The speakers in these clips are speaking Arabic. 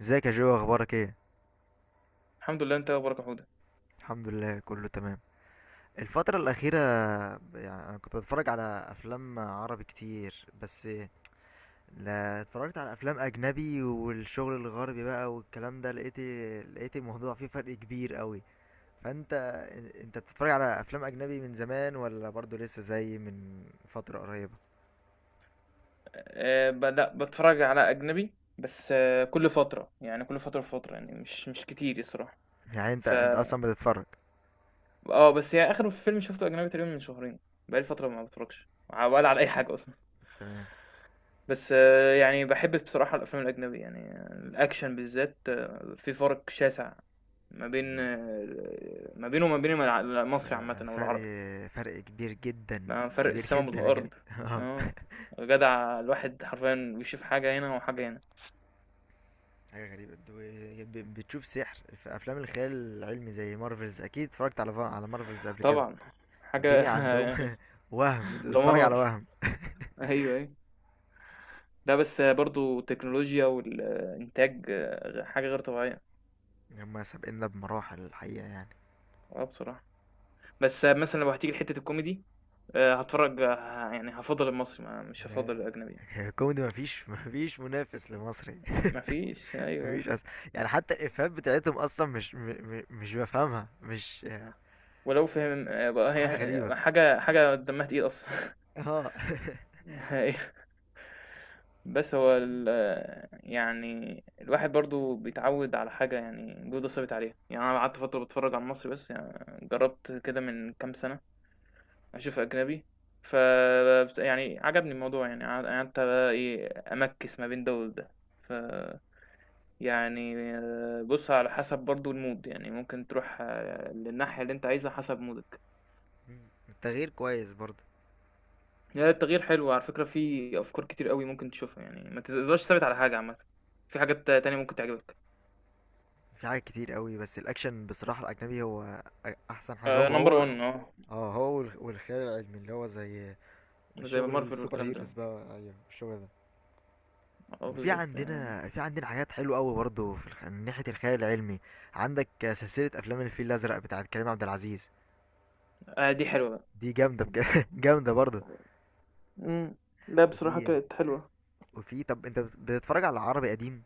ازيك يا جو؟ اخبارك ايه؟ الحمد لله، انت إيه اخبارك يا حوده؟ الحمد لله كله تمام. الفترة الأخيرة يعني أنا كنت بتفرج على أفلام عربي كتير، بس لا اتفرجت على أفلام أجنبي والشغل الغربي بقى والكلام ده، لقيت الموضوع فيه فرق كبير قوي. فأنت بتتفرج على أفلام أجنبي من زمان، ولا برضو لسه زي من فترة قريبة؟ بدأ بتفرج على اجنبي، بس كل فتره، يعني كل فتره، يعني مش كتير الصراحه. يعني أنت ف أنت أصلا بتتفرج. اه بس هي اخر فيلم شفته اجنبي تقريبا من شهرين. بقالي فتره ما بتفرجش ولا على اي حاجه اصلا. تمام. بس أه يعني بحب بصراحه الافلام الاجنبي، يعني الاكشن بالذات، في فرق شاسع ما بين ما بينه وما بين ف- المصري عامه او فرق، العربي. فرق كبير جدا، ما فرق كبير السما جدا بالارض. بجد. اه، جدع الواحد حرفيا بيشوف حاجه هنا وحاجه هنا. حاجة غريبة، بتشوف سحر في أفلام الخيال العلمي زي مارفلز. أكيد اتفرجت على مارفلز قبل كده. طبعًا، حاجة الدنيا عندهم وهم. أنت بتتفرج على دمار. وهم. أيوه، أيوه. لأ، بس برضه التكنولوجيا والإنتاج حاجة غير طبيعية. هما سابقنا بمراحل الحقيقة يعني. آه بصراحة. بس مثلًا لو هتيجي لحتة الكوميدي، هاتفرّج يعني هافضّل المصري، ما مش هافضّل لا، الأجنبي. الكوميدي مفيش منافس لمصري. ما فيش، مفيش أيوه. أصلا يعني. حتى الإفيهات بتاعتهم أصلا مش مش بفهمها، مش ولو فهم بقى هي حاجة غريبة. حاجة دمّها تقيل أصلًا. اه. أيوه. بس هو ال آه، يعني الواحد برضه بيتعوّد على حاجة، يعني جوده ثابت عليها. يعني أنا قعدت فترة باتفرّج على المصري بس، يعني جرّبت كده من كام سَنة. أشوف أجنبي، فبس يعني عجبني الموضوع، يعني قعدت بقى إيه، أمكِّس ما بين ده وده. ف يعني بُص على حسب برضه الmood، يعني ممكن تروح للناحية اللي أنت عايزها حسب مودك. التغيير كويس برضه. هي التغيير حلو على فكرة، في أفكار كتير أوي ممكن تشوفها، يعني ما تفضلش ثابت على حاجة عامةً، في حاجات تانية ممكن تعجبك. في حاجات كتير قوي، بس الأكشن بصراحة الأجنبي هو أحسن حاجة. هو number هو one، اه، هو والخيال العلمي اللي هو زي زي الشغل Marvel السوبر والكلام ده، هيروز بقى. ايوه، الشغل ده. آه وفي بالضبط يعني. عندنا في عندنا حاجات حلوه قوي برضه في من ناحيه الخيال العلمي. عندك سلسله افلام الفيل الازرق بتاعت كريم عبد العزيز. دي حلوة بقى. دي جامده بجد. جامده برضه. إمم، لأ بصراحة وفي كانت حلوة. وفي طب انت بتتفرج على عربي قديم؟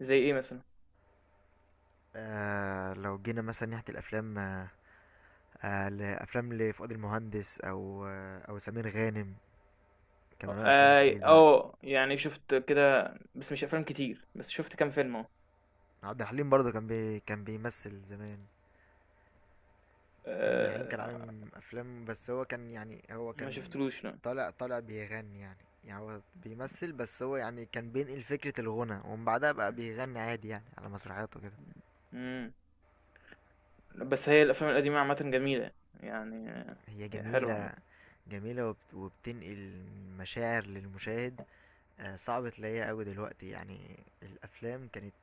زي إيه مثلًا؟ آه، لو جينا مثلا ناحيه الافلام، لافلام لفؤاد المهندس او او سمير غانم. كان بيعمل افلام آه، كتير زمان. آه، يعني شُفت كده، بس مش أفلام كتير، بس شُفت كام فيلم اهو. عبد الحليم برضه كان بيمثل زمان. عبد الحليم آه، كان عامل افلام، بس هو كان يعني هو ما كان شُفتلوش لأ. طالع بيغني يعني. يعني هو بيمثل، بس هو يعني كان بينقل فكرة الغنى، ومن بعدها بقى إمم، بيغني عادي يعني على مسرحياته كده. بس هي الأفلام القديمة عامةً جميلة، يعني آه، هي هي حلوة عامةً. جميلة، جميلة وبتنقل مشاعر للمشاهد. آه، صعب تلاقيها قوي دلوقتي يعني. الافلام كانت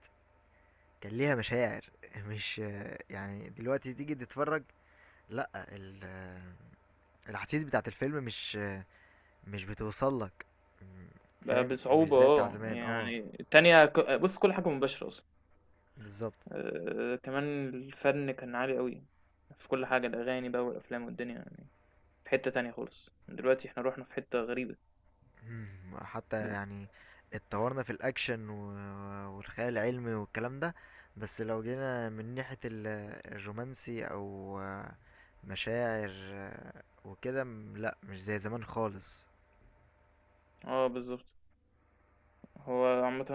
كان ليها مشاعر. مش آه، يعني دلوقتي تيجي تتفرج، لا ال- آه، الاحاسيس بتاعت الفيلم مش بتوصل لك. فاهم؟ مش بصعوبة، زي بتاع آه، زمان. اه، يعني التانية بُص كل حاجة مباشرة أصلًا. بالظبط. كمان الفن كان عالي أوي في كل حاجة، الأغاني بقى والأفلام والدنيا، يعني في حتة تانية خالص. دلوقتي إحنا رُحنا في حتة غريبة. مم، حتى إمم. يعني اتطورنا في الاكشن والخيال العلمي والكلام ده، بس لو جينا من ناحية الرومانسي او آه، مشاعر آه، وكده لا، مش زي زمان خالص. آه بالضبط. هو عامةً،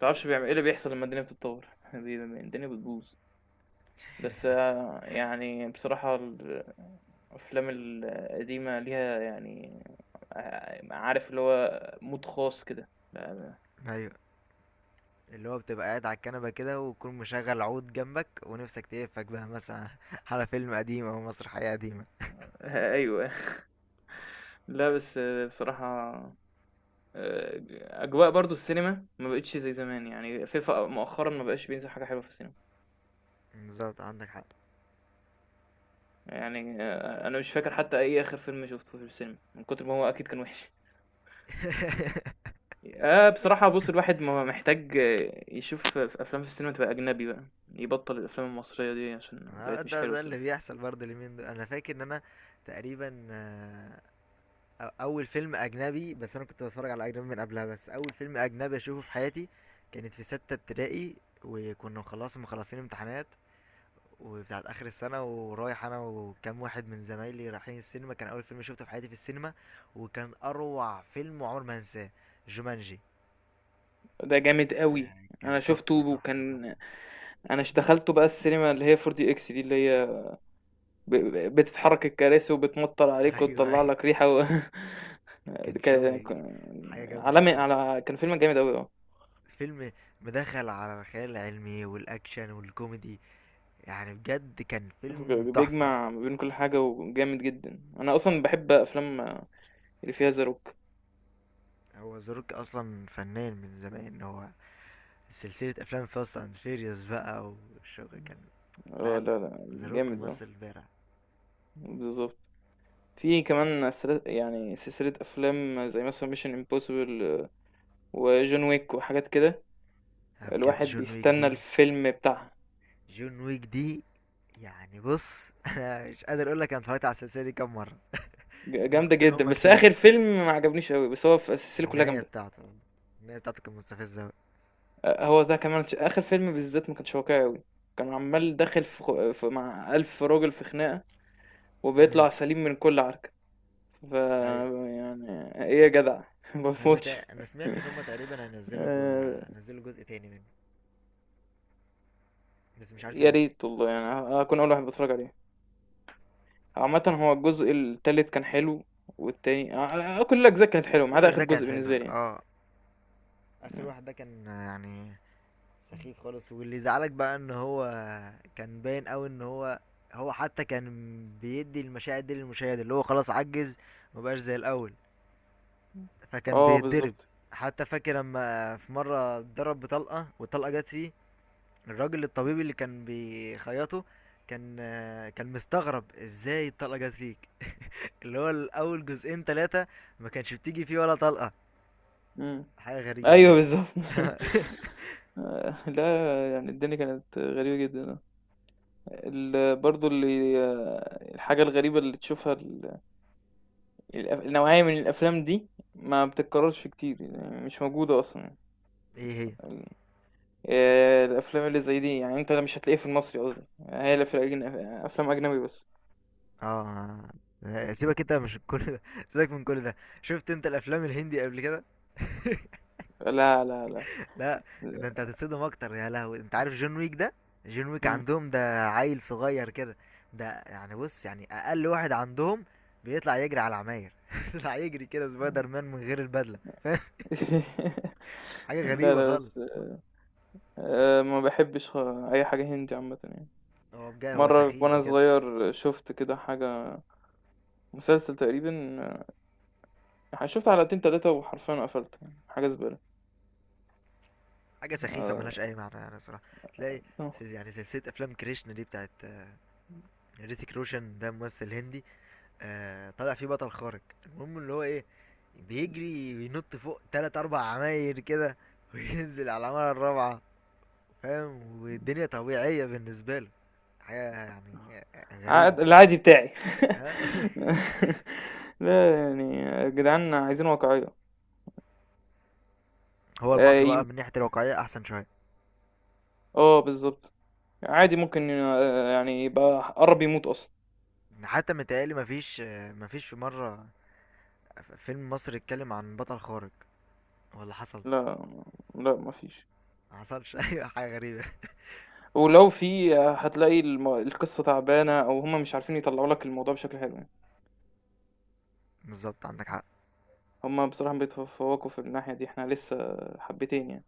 تعرفش بيعمل ايه اللي بيحصل لما الدنيا بتتطور، الدنيا بتبوظ. بس آه، يعني بصراحة الأفلام القديمة ليها يعني آه، عارف اللي هو مود خاص كده ايوه، اللي هو بتبقى قاعد على الكنبة كده وتكون مشغل عود جنبك، ونفسك تقفك بقى مثلا على فيلم قديم او مسرحية قديمة. آه، أيوه. لا بس آه، بصراحة آه، أجواء برضو السينما ما بقتش زي زمان، يعني فيفا مؤخرا ما بقاش بينزل حاجة حلوة في السينما. بالظبط، عندك حق. يعني آه، أنا مش فاكر حتى أي آخر فيلم شفته في السينما، من كتر ما هو أكيد كان وحش. آه بصراحة، بُص الواحد ما محتاج آه، يشوف في أفلام في السينما، تبقى أجنبي بقى. يبطّل الأفلام المصرية دي عشان ها، بقت مش ده حلوة ده اللي الصراحة. بيحصل برضه اليومين دول. انا فاكر ان انا تقريبا آه، اول فيلم اجنبي، بس انا كنت بتفرج على اجنبي من قبلها، بس اول فيلم اجنبي اشوفه في حياتي كانت في ستة ابتدائي. وكنا خلاص مخلصين امتحانات وبتاعت اخر السنة، ورايح انا وكام واحد من زمايلي رايحين السينما. كان اول فيلم شفته في حياتي في السينما، وكان اروع فيلم وعمر ما هنساه، جومانجي. ده جامد أوي. آه، كان أنا شُفته تحفة، تحفة، تحفة. وكان أنا دخلته بقى السينما اللي هي 4DX دي إكس دي، اللي هي ب بتتحرك الكراسي وبتمطّر عليك ايوه وتطلّع ايوه، لك ريحة. و كان ك ك شغل حاجة جامدة عالمي، بجد. على كان فيلم جامد أوي، آه. فيلم مدخل على الخيال العلمي والاكشن والكوميدي. يعني بجد كان فيلم تحفة. بيجمع ما بين كل حاجة وجامد جدًا. أنا أصلًا باحب أفلام اللي فيها The Rock. هو ذا روك اصلا فنان من زمان هو. سلسلة افلام فاست اند فيريوس بقى والشغل، كان لا آه، لا، لا، لا ذا روك جامد آه، ممثل بارع. بالضبط. في كمان يعني سلسلة أفلام زي مثلا ميشن امبوسيبل وجون ويك وحاجات كده، أنا بجد الواحد جون ويك بيستنى دي، الفيلم بتاعها. جون ويك دي يعني بص، انا مش قادر اقول لك انا اتفرجت على السلسلة دي كام مرة من جامدة كتر جدا، هما بس كتير. آخر فيلم ما عجبنيش أوي، بس هو في السلسلة كلها النهاية جامدة. بتاعته، النهاية بتاعته كانت مستفزة أوي. آه، هو ده كمان آخر فيلم بالذات ما كانش واقعي أوي. كان عمال داخل في مع ألف راجل في خناقة امم. وبيطلع سليم من كل عركة. ايوه، يعني إيه يا جدع، ما انا بموتش. انا سمعت ان هم تقريبا آه، هينزلوا جزء تاني منه، بس مش عارف يا امتى. ريت والله، يعني هكون أول واحد بتفرج عليه. عامة هو الجزء التالت كان حلو، والتاني آه، كل الأجزاء كانت حلوة ما كل عدا آخر الاجزاء كانت جزء حلوه، بالنسبة لي يعني. اه. اخر مم. واحد ده كان يعني سخيف خالص، واللي زعلك بقى ان هو كان باين قوي ان هو، هو حتى كان بيدي المشاعر دي للمشاهد، اللي هو خلاص عجز، مبقاش زي الاول، فكان اه بيتضرب. بالظبط. حتى فاكر لما في مره اتضرب بطلقه والطلقه جت فيه، الراجل الطبيب اللي كان بيخيطه كان آه، كان مستغرب ازاي الطلقة جت فيك. اللي هو الاول جزئين ثلاثة ما كانش بتيجي فيه ولا طلقة. مم. حاجة غريبة أيوه يعني. بالظبط. آه، لا، يعني الدنيا كانت غريبة جدا. برضو اللي آه، الحاجة الغريبة اللي تشوفها، النوعية من الأفلام دي ما بتتكررش كتير، يعني مش موجودة أصلا يعني. ايه هي. ال- آه، الأفلام اللي زي دي، يعني أنت مش هتلاقيها في المصري قصدي، هي اللي في أفلام أجنبي بس. اه، سيبك انت مش كل ده، سيبك من كل ده. شفت انت الافلام الهندي قبل كده؟ لا لا لا. لا، ده انت هتتصدم اكتر يا لهوي. انت عارف جون ويك ده؟ جون ويك مم. عندهم ده عيل صغير كده. ده يعني بص، يعني اقل واحد عندهم بيطلع يجري على العماير. يطلع يجري كده سبايدر مان من غير البدله، فاهم؟ حاجه لا، غريبه لا، بس خالص. ما باحبّش أي حاجة هندي عامةً يعني. هو بجد هو مرّة سخيف وأنا بجد. صغير شُفت كده حاجة، مسلسل تقريبًا، آه، شُفت حلقتين 3، وحرفيًا قفلت، يعني، حاجة زبالة. حاجه سخيفه آه، ملهاش اي معنى يعني صراحه. تلاقي آه. يعني سلسله افلام كريشنا دي بتاعت آه، ريتيك روشن. ده ممثل هندي. آه، طلع فيه بطل خارق، المهم اللي هو ايه، بيجري وينط فوق تلات اربع عماير كده، وينزل على العمارة الرابعة. فاهم؟ والدنيا طبيعية بالنسبة له. حاجة يعني غريبة عاد خالص. العادي بتاعي. ها؟ لا يعني يا جدعان عايزين واقعية. هو المصري ي بقى من ناحية الواقعية أحسن شوية. آه بالضبط. عادي ممكن يعني يبقى قرّب يموت أصلًا. حتى متهيألي مفيش آه، مفيش في مرة فيلم مصري اتكلم عن بطل خارق، ولا حصل، لا، لأ ما فيش. ما حصلش. أيوة، حاجة غريبة. ولو في هتلاقي القصة تعبانة أو هُم مش عارفين يطلّعوا لك الموضوع بشكل حلو يعني. بالظبط، عندك حق. هُم بصراحة بيتفوّقوا في الناحية دي، إحنا لسه حبّتين يعني.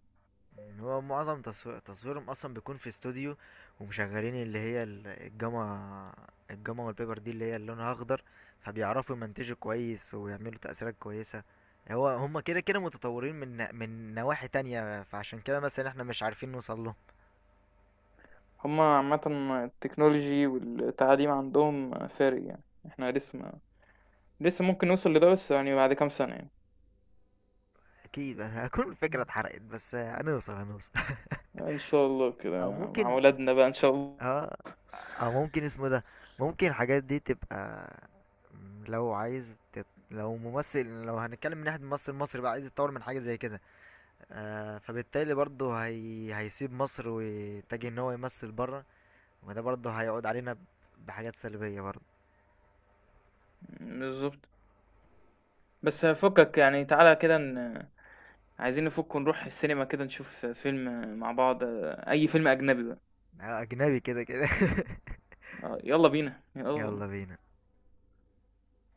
هو معظم تصوير تصويرهم اصلا بيكون في استوديو، ومشغلين اللي هي الجاما، الجاما والبيبر دي اللي هي لونها اخضر، فبيعرفوا يمنتجوا كويس ويعملوا تأثيرات كويسة. هو هما كده كده متطورين من نواحي تانية، فعشان كده مثلا احنا مش عارفين نوصل له. هُم عامةً التكنولوجي والتعليم عندهم فارق يعني، إحنا لسه ما لسه ممكن نوصل لده، بس يعني بعد كام سنة يعني. اكيد هكون الفكرة اتحرقت، بس هنوصل، هنوصل. إن شاء الله او كده مع ممكن، ولادنا بقى إن شاء الله. اه، او ممكن اسمه إيه ده، ممكن الحاجات دي تبقى، مم، لو عايز لو ممثل، لو هنتكلم من ناحية ممثل مصري بقى عايز يتطور من حاجة زي كده، آه فبالتالي برضه هيسيب مصر ويتجه ان هو يمثل بره. وده برضه هيعود علينا بحاجات سلبية برضه. بالضبط. بس فكك يعني، تعالَ كده عايزين نفُك ونروح السينما كده نشوف فيلم مع بعض، أي فيلم أجنبي بقى، آه، اجنبي كده كده. آه، يالّا بينا، آه. يلا بينا.